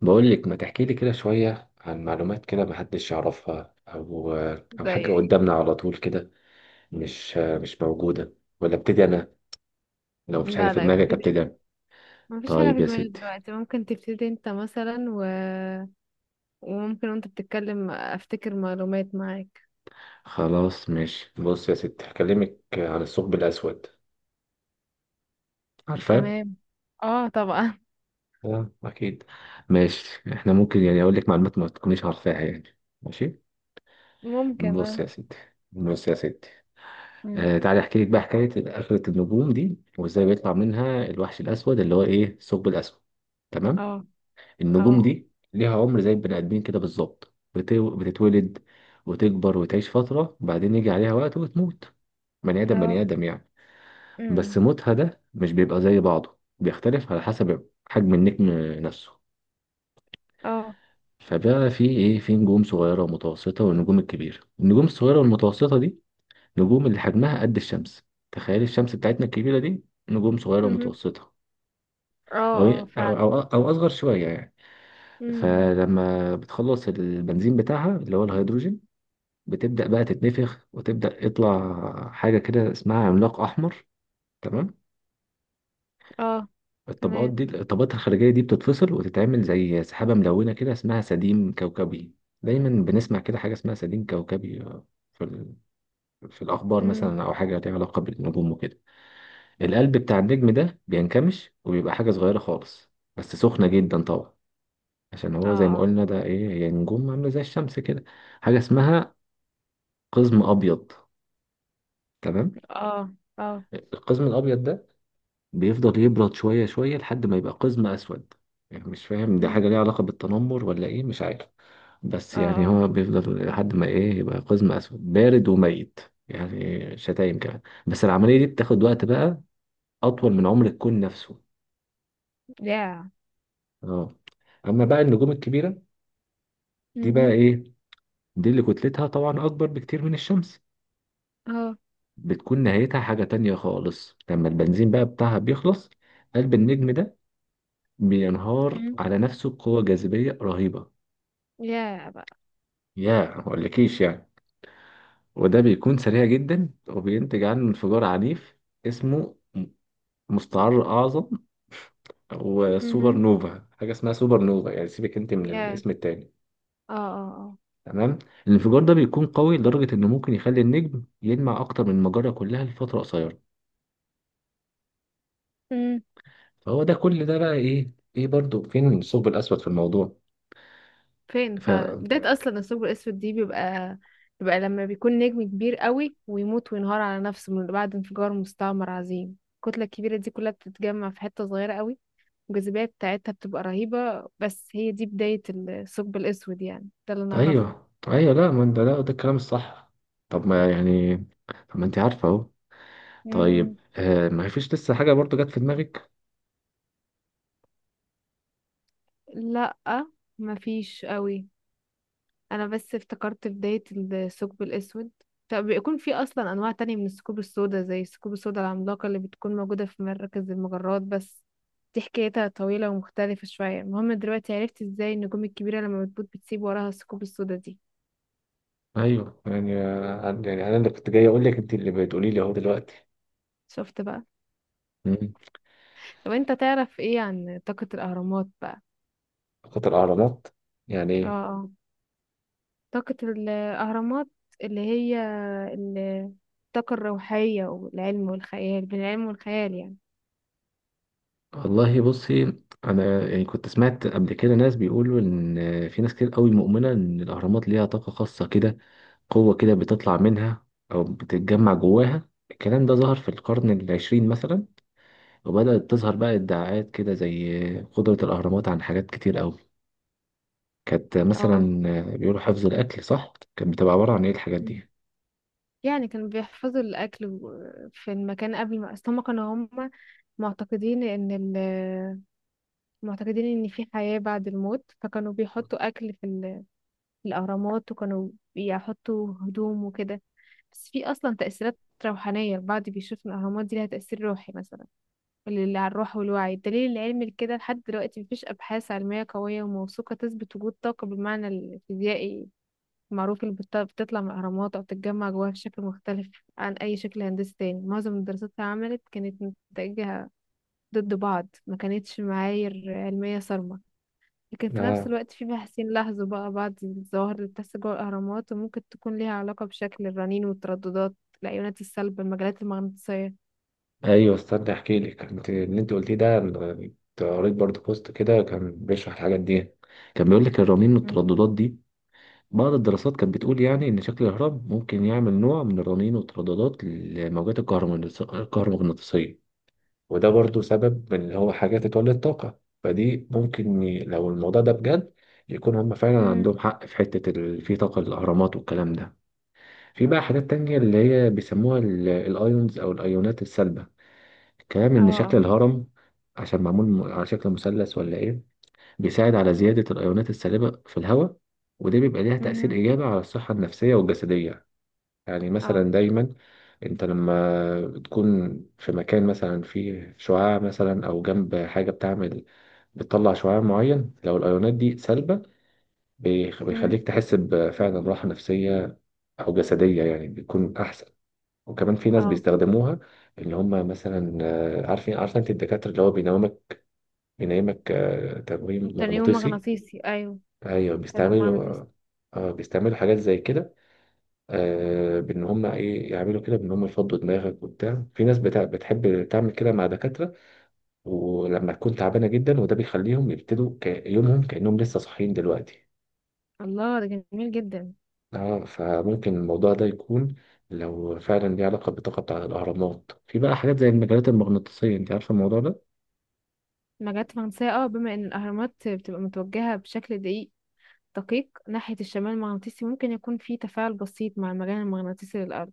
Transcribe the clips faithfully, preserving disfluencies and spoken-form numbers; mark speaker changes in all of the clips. Speaker 1: بقول لك ما تحكي لي كده شوية عن معلومات كده ما حدش يعرفها أو أو
Speaker 2: زي
Speaker 1: حاجة
Speaker 2: ايه؟
Speaker 1: قدامنا على طول كده. مش مش موجودة، ولا ابتدي أنا؟ لو مفيش حاجة
Speaker 2: لا،
Speaker 1: في
Speaker 2: لا،
Speaker 1: دماغي
Speaker 2: ابتدي.
Speaker 1: ابتدي أنا.
Speaker 2: ما فيش حاجة
Speaker 1: طيب
Speaker 2: في
Speaker 1: يا
Speaker 2: دماغي
Speaker 1: ستي،
Speaker 2: دلوقتي. ممكن تبتدي انت مثلا و... وممكن وانت بتتكلم افتكر معلومات معاك.
Speaker 1: خلاص ماشي، بص يا ستي، هكلمك عن الثقب الأسود. عارفاه؟
Speaker 2: تمام. اه، طبعا.
Speaker 1: اه أكيد. ماشي، إحنا ممكن يعني أقول لك معلومات ما تكونيش عارفاها يعني، ماشي.
Speaker 2: ممكن،
Speaker 1: بص
Speaker 2: اه.
Speaker 1: يا ستي بص يا ستي
Speaker 2: مم.
Speaker 1: آه تعالي احكي لك بقى حكايه اخره النجوم دي وازاي بيطلع منها الوحش الاسود اللي هو ايه الثقب الاسود. تمام.
Speaker 2: اه،
Speaker 1: النجوم
Speaker 2: اه،
Speaker 1: دي ليها عمر زي البني ادمين كده بالظبط، بت- بتتولد وتكبر وتعيش فتره، بعدين يجي عليها وقت وتموت. بني ادم
Speaker 2: اه.
Speaker 1: بني ادم يعني. بس
Speaker 2: مم.
Speaker 1: موتها ده مش بيبقى زي بعضه، بيختلف على حسب حجم النجم نفسه.
Speaker 2: اه.
Speaker 1: فبقى في ايه، في نجوم صغيره ومتوسطه والنجوم الكبيره. النجوم الصغيره والمتوسطه دي نجوم اللي حجمها قد الشمس. تخيل الشمس بتاعتنا الكبيرة دي، نجوم صغيرة
Speaker 2: مهم.
Speaker 1: ومتوسطة
Speaker 2: اه،
Speaker 1: أو
Speaker 2: اه، فعلا.
Speaker 1: أو أو أو أصغر شوية يعني.
Speaker 2: مم.
Speaker 1: فلما بتخلص البنزين بتاعها اللي هو الهيدروجين، بتبدأ بقى تتنفخ وتبدأ يطلع حاجة كده اسمها عملاق أحمر. تمام.
Speaker 2: اه.
Speaker 1: الطبقات
Speaker 2: تمام.
Speaker 1: دي، الطبقات الخارجية دي، بتتفصل وتتعمل زي سحابة ملونة كده اسمها سديم كوكبي. دايما بنسمع كده حاجة اسمها سديم كوكبي في ال- في الأخبار
Speaker 2: مم.
Speaker 1: مثلا، أو حاجة ليها علاقة بالنجوم وكده. القلب بتاع النجم ده بينكمش وبيبقى حاجة صغيرة خالص، بس سخنة جدا طبعا، عشان
Speaker 2: اه،
Speaker 1: هو زي ما
Speaker 2: اه،
Speaker 1: قلنا ده ايه، هي نجوم عاملة زي الشمس كده. حاجة اسمها قزم أبيض. تمام.
Speaker 2: اه، اه.
Speaker 1: القزم الأبيض ده بيفضل يبرد شوية شوية لحد ما يبقى قزم أسود. يعني مش فاهم ده حاجة
Speaker 2: مم.
Speaker 1: ليها علاقة بالتنمر ولا ايه، مش عارف.
Speaker 2: اه،
Speaker 1: بس يعني
Speaker 2: اه.
Speaker 1: هو بيفضل لحد ما ايه يبقى قزم أسود بارد وميت. يعني شتايم كمان. بس العملية دي بتاخد وقت بقى، أطول من عمر الكون نفسه.
Speaker 2: يا.
Speaker 1: اه. أما بقى النجوم الكبيرة، دي بقى
Speaker 2: مهم.
Speaker 1: ايه، دي اللي كتلتها طبعا اكبر بكتير من الشمس،
Speaker 2: اه.
Speaker 1: بتكون نهايتها حاجة تانية خالص لما البنزين بقى بتاعها بيخلص. قلب النجم ده بينهار
Speaker 2: مم.
Speaker 1: على نفسه بقوة جاذبية رهيبة.
Speaker 2: يا بقى.
Speaker 1: يا مقولكيش يعني. وده بيكون سريع جدا وبينتج عنه انفجار عنيف اسمه م- مستعر أعظم. وسوبر
Speaker 2: مهم.
Speaker 1: نوفا، حاجة اسمها سوبر نوفا، يعني سيبك انت من
Speaker 2: يا.
Speaker 1: الاسم التاني.
Speaker 2: اه، اه،
Speaker 1: تمام. الانفجار ده بيكون قوي لدرجة انه ممكن يخلي النجم يلمع اكتر من المجرة كلها لفترة قصيرة.
Speaker 2: اه.
Speaker 1: فهو ده كل ده بقى ايه، ايه برضو فين الثقب الاسود في الموضوع؟
Speaker 2: فين
Speaker 1: ف
Speaker 2: فعلا؟ بداية اصلا الثقب الاسود دي بيبقى بيبقى لما بيكون نجم كبير قوي ويموت وينهار على نفسه من بعد انفجار مستعمر عظيم، الكتلة الكبيرة دي كلها بتتجمع في حتة صغيرة قوي. الجاذبية بتاعتها بتبقى رهيبة، بس هي دي بداية الثقب الاسود، يعني ده اللي نعرفه.
Speaker 1: ايوه ايوه، لا ما انت، لا ده الكلام الصح. طب ما يعني، طب ما انت عارفه اهو.
Speaker 2: مم.
Speaker 1: طيب آه، ما فيش لسه حاجه برضو جت في دماغك؟
Speaker 2: لا، مفيش قوي. انا بس افتكرت بداية الثقب الاسود، فبيكون في اصلا انواع تانية من الثقوب السوداء زي الثقوب السوداء العملاقة اللي بتكون موجودة في مراكز المجرات، بس دي حكايتها طويلة ومختلفة شوية. المهم دلوقتي عرفت ازاي النجوم الكبيرة لما بتموت بتسيب وراها الثقوب السوداء دي.
Speaker 1: ايوه يعني، آه، يعني انا اللي كنت جاي اقول لك انت اللي بتقولي لي اهو دلوقتي.
Speaker 2: شفت بقى؟
Speaker 1: مم.
Speaker 2: طب انت تعرف ايه عن طاقة الاهرامات بقى؟
Speaker 1: فقط الاهرامات، يعني
Speaker 2: اه.
Speaker 1: ايه؟
Speaker 2: آه. طاقة الاهرامات اللي هي ال- الطاقة الروحية والعلم والخيال، بين العلم والخيال يعني.
Speaker 1: والله بصي، انا يعني كنت سمعت قبل كده ناس بيقولوا ان في ناس كتير قوي مؤمنه ان الاهرامات ليها طاقه خاصه كده، قوة كده بتطلع منها أو بتتجمع جواها. الكلام ده ظهر في القرن العشرين مثلا، وبدأت تظهر بقى ادعاءات كده زي قدرة الأهرامات عن حاجات كتير أوي. كانت مثلا
Speaker 2: اه،
Speaker 1: بيقولوا حفظ الأكل، صح؟ كانت بتبقى عبارة عن إيه الحاجات دي؟
Speaker 2: يعني كانوا بيحفظوا الأكل و- في المكان قبل ما أصل. هما كانوا هما معتقدين إن ال معتقدين إن في حياة بعد الموت، فكانوا بيحطوا أكل في, ال... في الأهرامات، وكانوا بيحطوا هدوم وكده. بس في أصلا تأثيرات روحانية، البعض بيشوف إن الأهرامات دي لها تأثير روحي مثلا، اللي على الروح والوعي. الدليل العلمي لكده لحد دلوقتي مفيش أبحاث علمية قوية وموثوقة تثبت وجود طاقة بالمعنى الفيزيائي معروف اللي بت- بتطلع من الأهرامات أو بتتجمع جواها بشكل مختلف عن أي شكل هندسي تاني. معظم الدراسات اللي عملت كانت متجهة ضد بعض، ما كانتش معايير علمية صارمة. لكن في نفس
Speaker 1: آه.
Speaker 2: الوقت في باحثين لاحظوا بقى بعض الظواهر اللي بتحصل جوه الأهرامات وممكن تكون ليها علاقة بشكل الرنين والترددات، الأيونات السلبة، المجالات المغناطيسية.
Speaker 1: ايوه استنى احكي لك، انت اللي انت قلتيه ده أنا كنت قريت برضه بوست كده كان بيشرح الحاجات دي. كان بيقول لك الرنين
Speaker 2: مم.
Speaker 1: والترددات دي، بعض الدراسات كانت بتقول يعني إن شكل الهرم ممكن يعمل نوع من الرنين والترددات للموجات الكهرومغناطيسية. وده برضو سبب من اللي هو حاجة تتولد طاقة، فدي ممكن ي- لو الموضوع ده بجد يكون هم فعلا
Speaker 2: مم.
Speaker 1: عندهم حق في حتة ال- في طاقة الأهرامات والكلام ده. في بقى حاجات تانية اللي هي بيسموها ال- الأيونز أو الأيونات السلبة. الكلام
Speaker 2: اه،
Speaker 1: إن شكل
Speaker 2: اه.
Speaker 1: الهرم، عشان معمول م- على شكل مثلث ولا إيه، بيساعد على زيادة الأيونات السالبة في الهواء، وده بيبقى ليها
Speaker 2: مم.
Speaker 1: تأثير إيجابي على الصحة النفسية والجسدية. يعني مثلا
Speaker 2: اه.
Speaker 1: دايما انت لما تكون في مكان مثلا فيه شعاع، مثلا او جنب حاجه بتعمل بتطلع شعاع معين، لو الايونات دي سلبه بيخ-
Speaker 2: مم.
Speaker 1: بيخليك تحس بفعلا راحه نفسيه او جسديه يعني، بيكون احسن. وكمان في ناس
Speaker 2: اه.
Speaker 1: بيستخدموها، ان هم مثلا آه، عارفين عارفه انت الدكاتره اللي هو بينامك، بينامك آه، تنويم
Speaker 2: تنويم
Speaker 1: مغناطيسي.
Speaker 2: مغناطيسي أيوه.
Speaker 1: ايوه
Speaker 2: تنويم
Speaker 1: بيستعملوا،
Speaker 2: مغناطيسي.
Speaker 1: اه بيستعملوا حاجات زي كده، آه، بان هم ايه يعملوا كده، بان هم يفضوا دماغك وبتاع. في ناس بتاع بتحب تعمل كده مع دكاتره ولما تكون تعبانه جدا، وده بيخليهم يبتدوا كا- يومهم كانهم لسه صاحيين دلوقتي.
Speaker 2: الله، ده جميل جدا.
Speaker 1: اه، فممكن الموضوع ده يكون لو فعلا ليه علاقه بالطاقه بتاع الاهرامات. في بقى حاجات زي المجالات المغناطيسيه، انت عارفه الموضوع ده؟
Speaker 2: مجات فرنسية، اه، بما ان الاهرامات بتبقى متوجهة بشكل دقيق دقيق ناحية الشمال المغناطيسي، ممكن يكون في تفاعل بسيط مع المجال المغناطيسي للأرض.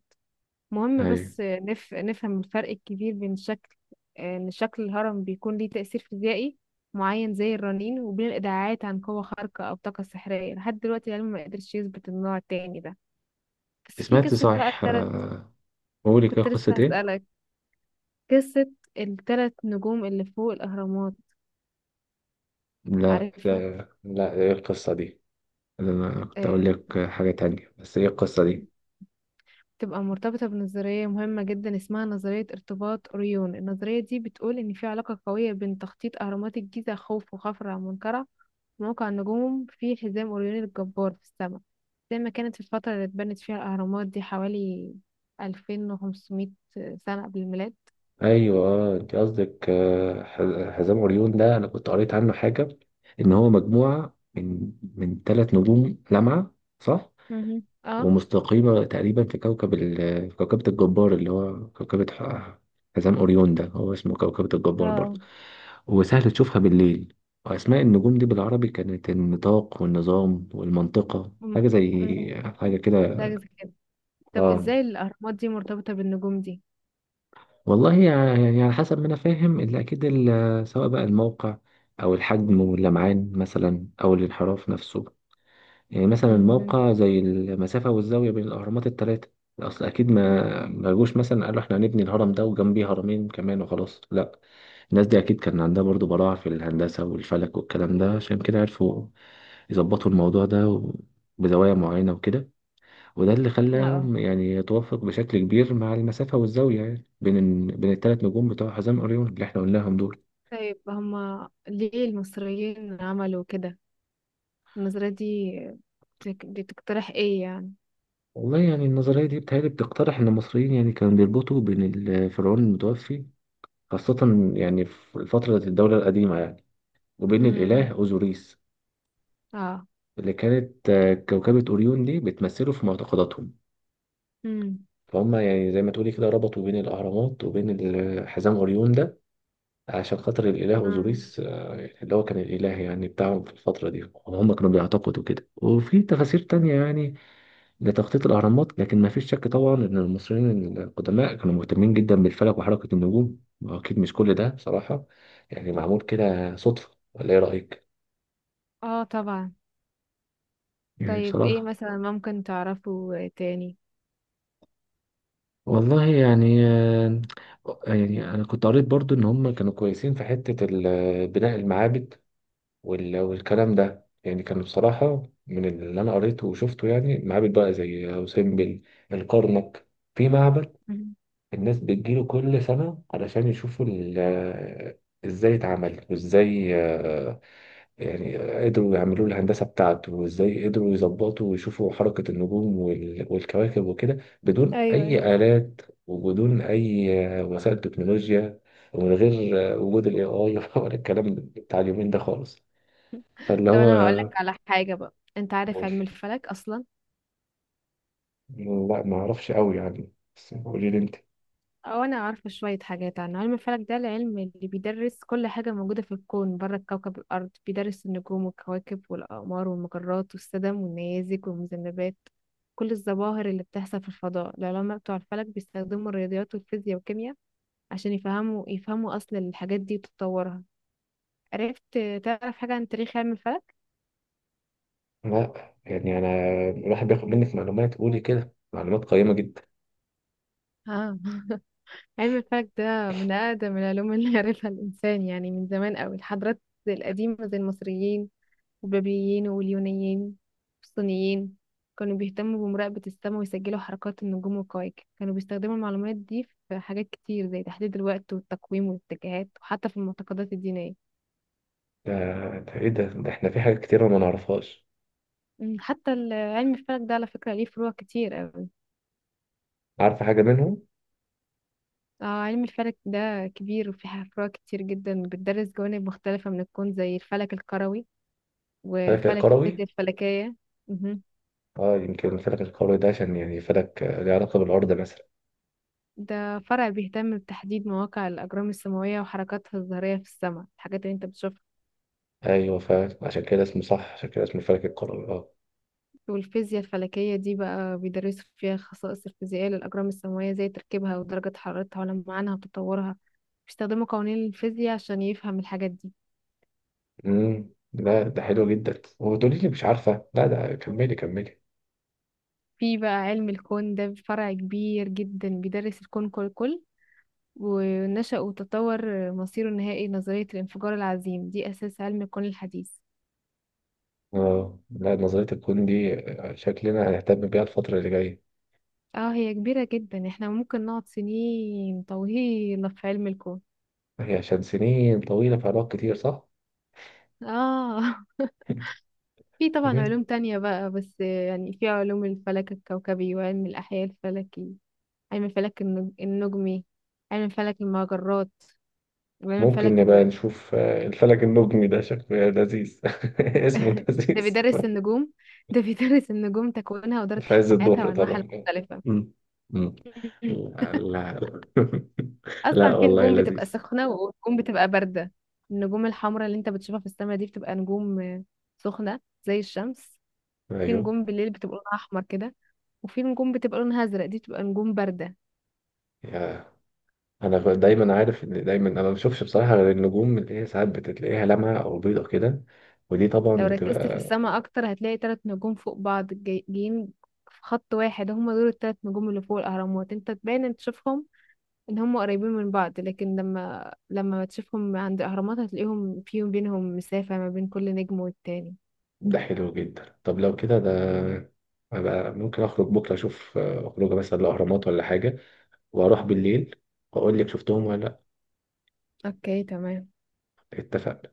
Speaker 2: مهم،
Speaker 1: ايوه
Speaker 2: بس نف... نفهم الفرق الكبير بين شكل، ان شكل الهرم بيكون ليه تأثير فيزيائي معين زي الرنين، وبين الإدعاءات عن قوة خارقة أو طاقة سحرية. لحد دلوقتي العلم ما قدرش يثبت النوع التاني ده. بس في
Speaker 1: سمعت،
Speaker 2: قصة بقى
Speaker 1: صحيح
Speaker 2: التلت.
Speaker 1: آه، بقول لك إيه،
Speaker 2: كنت لسه
Speaker 1: قصه ايه؟
Speaker 2: هسألك. قصة التلت نجوم اللي فوق الأهرامات،
Speaker 1: لا
Speaker 2: عارفها؟
Speaker 1: لا لا، ايه القصه دي؟ انا كنت
Speaker 2: آه،
Speaker 1: اقول لك حاجه تانية، بس ايه القصه دي؟
Speaker 2: تبقى مرتبطة بنظرية مهمة جدا اسمها نظرية ارتباط أوريون. النظرية دي بتقول إن في علاقة قوية بين تخطيط أهرامات الجيزة، خوف وخفرع ومنكرع، وموقع النجوم في حزام أوريون الجبار في السماء، زي ما كانت في الفترة اللي اتبنت فيها الأهرامات دي، حوالي ألفين وخمس مئة سنة قبل الميلاد.
Speaker 1: ايوه اه، انت قصدك آه، ح- حزام عريون ده، انا كنت قريت عنه حاجه ان هو مجموعه من من ثلاث نجوم لامعه، صح؟
Speaker 2: مهم. اه،
Speaker 1: ومستقيمه تقريبا في كوكب ال... في كوكبه الجبار اللي هو كوكبه ح- حزام اوريون ده، هو اسمه كوكبه الجبار برضه،
Speaker 2: اه.
Speaker 1: وسهل تشوفها بالليل. واسماء النجوم دي بالعربي كانت النطاق والنظام والمنطقه،
Speaker 2: مم.
Speaker 1: حاجه
Speaker 2: مم.
Speaker 1: زي حاجه كده.
Speaker 2: زي كده. طب
Speaker 1: اه
Speaker 2: ازاي الأهرامات دي مرتبطة بالنجوم دي؟
Speaker 1: والله يع- يعني على حسب ما انا فاهم اللي اكيد ال- سواء بقى الموقع او الحجم واللمعان مثلا او الانحراف نفسه. يعني مثلا
Speaker 2: مهم.
Speaker 1: الموقع زي المسافه والزاويه بين الاهرامات الثلاثه. اصل اكيد ما ما جوش مثلا قالوا احنا هنبني الهرم ده وجنبيه هرمين كمان وخلاص، لا. الناس دي اكيد كان عندها برضو براعه في الهندسه والفلك والكلام ده، عشان كده عرفوا يظبطوا الموضوع ده و- بزوايا معينه وكده. وده اللي
Speaker 2: اه. آه.
Speaker 1: خلاهم يعني يتوافق بشكل كبير مع المسافة والزاوية يعني بين ال... بين الثلاث نجوم بتوع حزام أوريون اللي احنا قلناهم دول.
Speaker 2: طيب هما ليه المصريين عملوا كده؟ النظرية دي بتك- بتقترح ايه يعني.
Speaker 1: والله يعني النظرية دي بتهيألي بتقترح إن المصريين يعني كانوا بيربطوا بين الفرعون المتوفي، خاصة يعني في فترة الدولة القديمة يعني، وبين الإله
Speaker 2: امم.
Speaker 1: أوزوريس
Speaker 2: اه.
Speaker 1: اللي كانت آه، كوكبة أوريون دي بتمثله في معتقداتهم.
Speaker 2: امم.
Speaker 1: فهم يعني زي ما تقولي كده ربطوا بين الأهرامات وبين ال- حزام أوريون ده عشان خاطر الإله
Speaker 2: اه.
Speaker 1: أوزوريس، آه، يعني اللي هو كان الإله يعني بتاعهم في الفترة دي وهم كانوا بيعتقدوا كده. وفي تفاسير تانية يعني لتخطيط الأهرامات، لكن ما فيش شك طبعا إن المصريين القدماء كانوا مهتمين جدا بالفلك وحركة النجوم، وأكيد مش كل ده بصراحة يعني معمول كده صدفة، ولا إيه رأيك؟
Speaker 2: آه، طبعا.
Speaker 1: يعني
Speaker 2: طيب ايه
Speaker 1: بصراحة.
Speaker 2: مثلا ممكن تعرفه تاني؟
Speaker 1: والله يعني آه، يعني أنا كنت قريت برضو إن هم كانوا كويسين في حتة ال- بناء المعابد وال- والكلام ده يعني. كان بصراحة من اللي أنا قريته وشفته يعني معابد بقى زي أوسمبل، الكرنك، في معبد
Speaker 2: مم.
Speaker 1: الناس بتجيله كل سنة علشان يشوفوا ال- ازاي اتعمل، وازاي آه، يعني قدروا يعملوا له الهندسة بتاعته، وازاي قدروا يظبطوا ويشوفوا حركة النجوم وال- والكواكب وكده بدون
Speaker 2: ايوه.
Speaker 1: أي آلات، وبدون أي آه، وسائل تكنولوجيا، ومن غير آه، وجود ال إيه آي ولا الكلام بتاع اليومين ده خالص. فاللي
Speaker 2: طب انا هقول لك
Speaker 1: هو
Speaker 2: على حاجة بقى. انت عارف علم
Speaker 1: قولي.
Speaker 2: الفلك اصلا؟
Speaker 1: لا ما اعرفش قوي يعني، بس قولي لي انت.
Speaker 2: او انا عارفة شوية حاجات عنه. علم الفلك ده العلم اللي بيدرس كل حاجة موجودة في الكون بره كوكب الارض، بيدرس النجوم والكواكب والاقمار والمجرات والسدم والنيازك والمذنبات، كل الظواهر اللي بتحصل في الفضاء. العلماء بتوع الفلك بيستخدموا الرياضيات والفيزياء والكيمياء عشان يفهموا يفهموا أصل الحاجات دي وتطورها. عرفت؟ تعرف حاجة عن تاريخ علم الفلك؟
Speaker 1: لا يعني انا الواحد بياخد منك معلومات، قولي كده معلومات قيمة جدا.
Speaker 2: اه. علم الفلك ده من أقدم العلوم اللي عرفها الإنسان، يعني من زمان أوي. الحضارات القديمة زي المصريين والبابليين واليونانيين والصينيين كانوا بيهتموا بمراقبة السماء ويسجلوا حركات النجوم والكواكب. كانوا بيستخدموا المعلومات دي في حاجات كتير زي تحديد الوقت والتقويم والاتجاهات، وحتى في المعتقدات الدينية.
Speaker 1: ده, ده ايه ده ده احنا في حاجات كتيرة ما نعرفهاش.
Speaker 2: أمم. حتى ال- علم الفلك ده على فكرة ليه فروع كتير أوي.
Speaker 1: عارفة حاجة منهم؟
Speaker 2: اه، علم الفلك ده كبير وفيه فروع كتير جدا بتدرس جوانب مختلفة من الكون، زي الفلك الكروي
Speaker 1: الفلك
Speaker 2: وفلك
Speaker 1: الكروي.
Speaker 2: الفيزياء الفلكية. مهم.
Speaker 1: اه يمكن الفلك الكروي ده عشان يعني فلك آه، له علاقة بالأرض مثلا.
Speaker 2: ده فرع بيهتم بتحديد مواقع الأجرام السماوية وحركاتها الظاهرية في السماء، الحاجات اللي انت بتشوفها.
Speaker 1: ايوه فعشان كده اسمه صح، عشان كده اسمه الفلك الكروي اه.
Speaker 2: والفيزياء الفلكية دي بقى بيدرسوا فيها الخصائص الفيزيائية للأجرام السماوية زي تركيبها ودرجة حرارتها ولمعانها وتطورها، بيستخدموا قوانين الفيزياء عشان يفهم الحاجات دي.
Speaker 1: امم، لا ده حلو جدا وتقولي لي مش عارفة، لا ده كملي كملي.
Speaker 2: في بقى علم الكون، ده فرع كبير جدا بيدرس الكون كله ونشأ وتطور مصيره النهائي. نظرية الانفجار العظيم دي أساس علم الكون الحديث.
Speaker 1: اه لا نظرية الكون دي آه، شكلنا هنهتم بيها الفترة اللي جاية.
Speaker 2: اه، هي كبيرة جدا، احنا ممكن نقعد سنين طويلة في علم الكون.
Speaker 1: هي عشان سنين طويلة في علاقات كتير، صح؟
Speaker 2: اه. في طبعا
Speaker 1: تمام.
Speaker 2: علوم تانية بقى، بس يعني في علوم الفلك الكوكبي وعلم الأحياء الفلكي، علم الفلك النج- النجمي، علم فلك المجرات، وعلم
Speaker 1: ممكن
Speaker 2: فلك
Speaker 1: نبقى
Speaker 2: الر...
Speaker 1: نشوف آه، الفلك النجمي ده شكله لذيذ. اسمه
Speaker 2: ده
Speaker 1: لذيذ.
Speaker 2: بيدرس النجوم. ده بيدرس النجوم، تكوينها ودورة
Speaker 1: في عز
Speaker 2: حياتها
Speaker 1: الظهر
Speaker 2: وأنواعها
Speaker 1: طبعا.
Speaker 2: المختلفة.
Speaker 1: مم. مم. لا لا.
Speaker 2: اصلا
Speaker 1: لا
Speaker 2: في
Speaker 1: والله
Speaker 2: نجوم بتبقى
Speaker 1: لذيذ.
Speaker 2: سخنه ونجوم بتبقى بارده. النجوم الحمراء اللي انت بتشوفها في السماء دي بتبقى نجوم آه، سخنه زي الشمس. في
Speaker 1: ايوه.
Speaker 2: نجوم بالليل بتبقى لونها احمر كده، وفي نجوم بتبقى لونها ازرق، دي بتبقى نجوم بارده.
Speaker 1: يا، انا ب- دايما عارف ان دايما انا ما بشوفش بصراحه غير النجوم اللي هي ساعات بتلاقيها لمعه او بيضه كده، ودي طبعا
Speaker 2: لو ركزت في
Speaker 1: بتبقى.
Speaker 2: السماء اكتر هتلاقي ثلاث نجوم فوق بعض جاي- جايين في خط واحد، هما دول الثلاث نجوم اللي فوق الاهرامات. انت تبان ان تشوفهم ان هم قريبين من بعض، لكن لما لما تشوفهم عند الاهرامات هتلاقيهم فيهم بينهم مسافه ما بين كل نجم والتاني.
Speaker 1: ده حلو جدا، طب لو كده ده أبقى ممكن اخرج بكره اشوف آه، اخرج مثلا الاهرامات ولا حاجه، واروح بالليل واقول لك شفتهم ولا لا.
Speaker 2: اوكي، تمام.
Speaker 1: اتفقنا.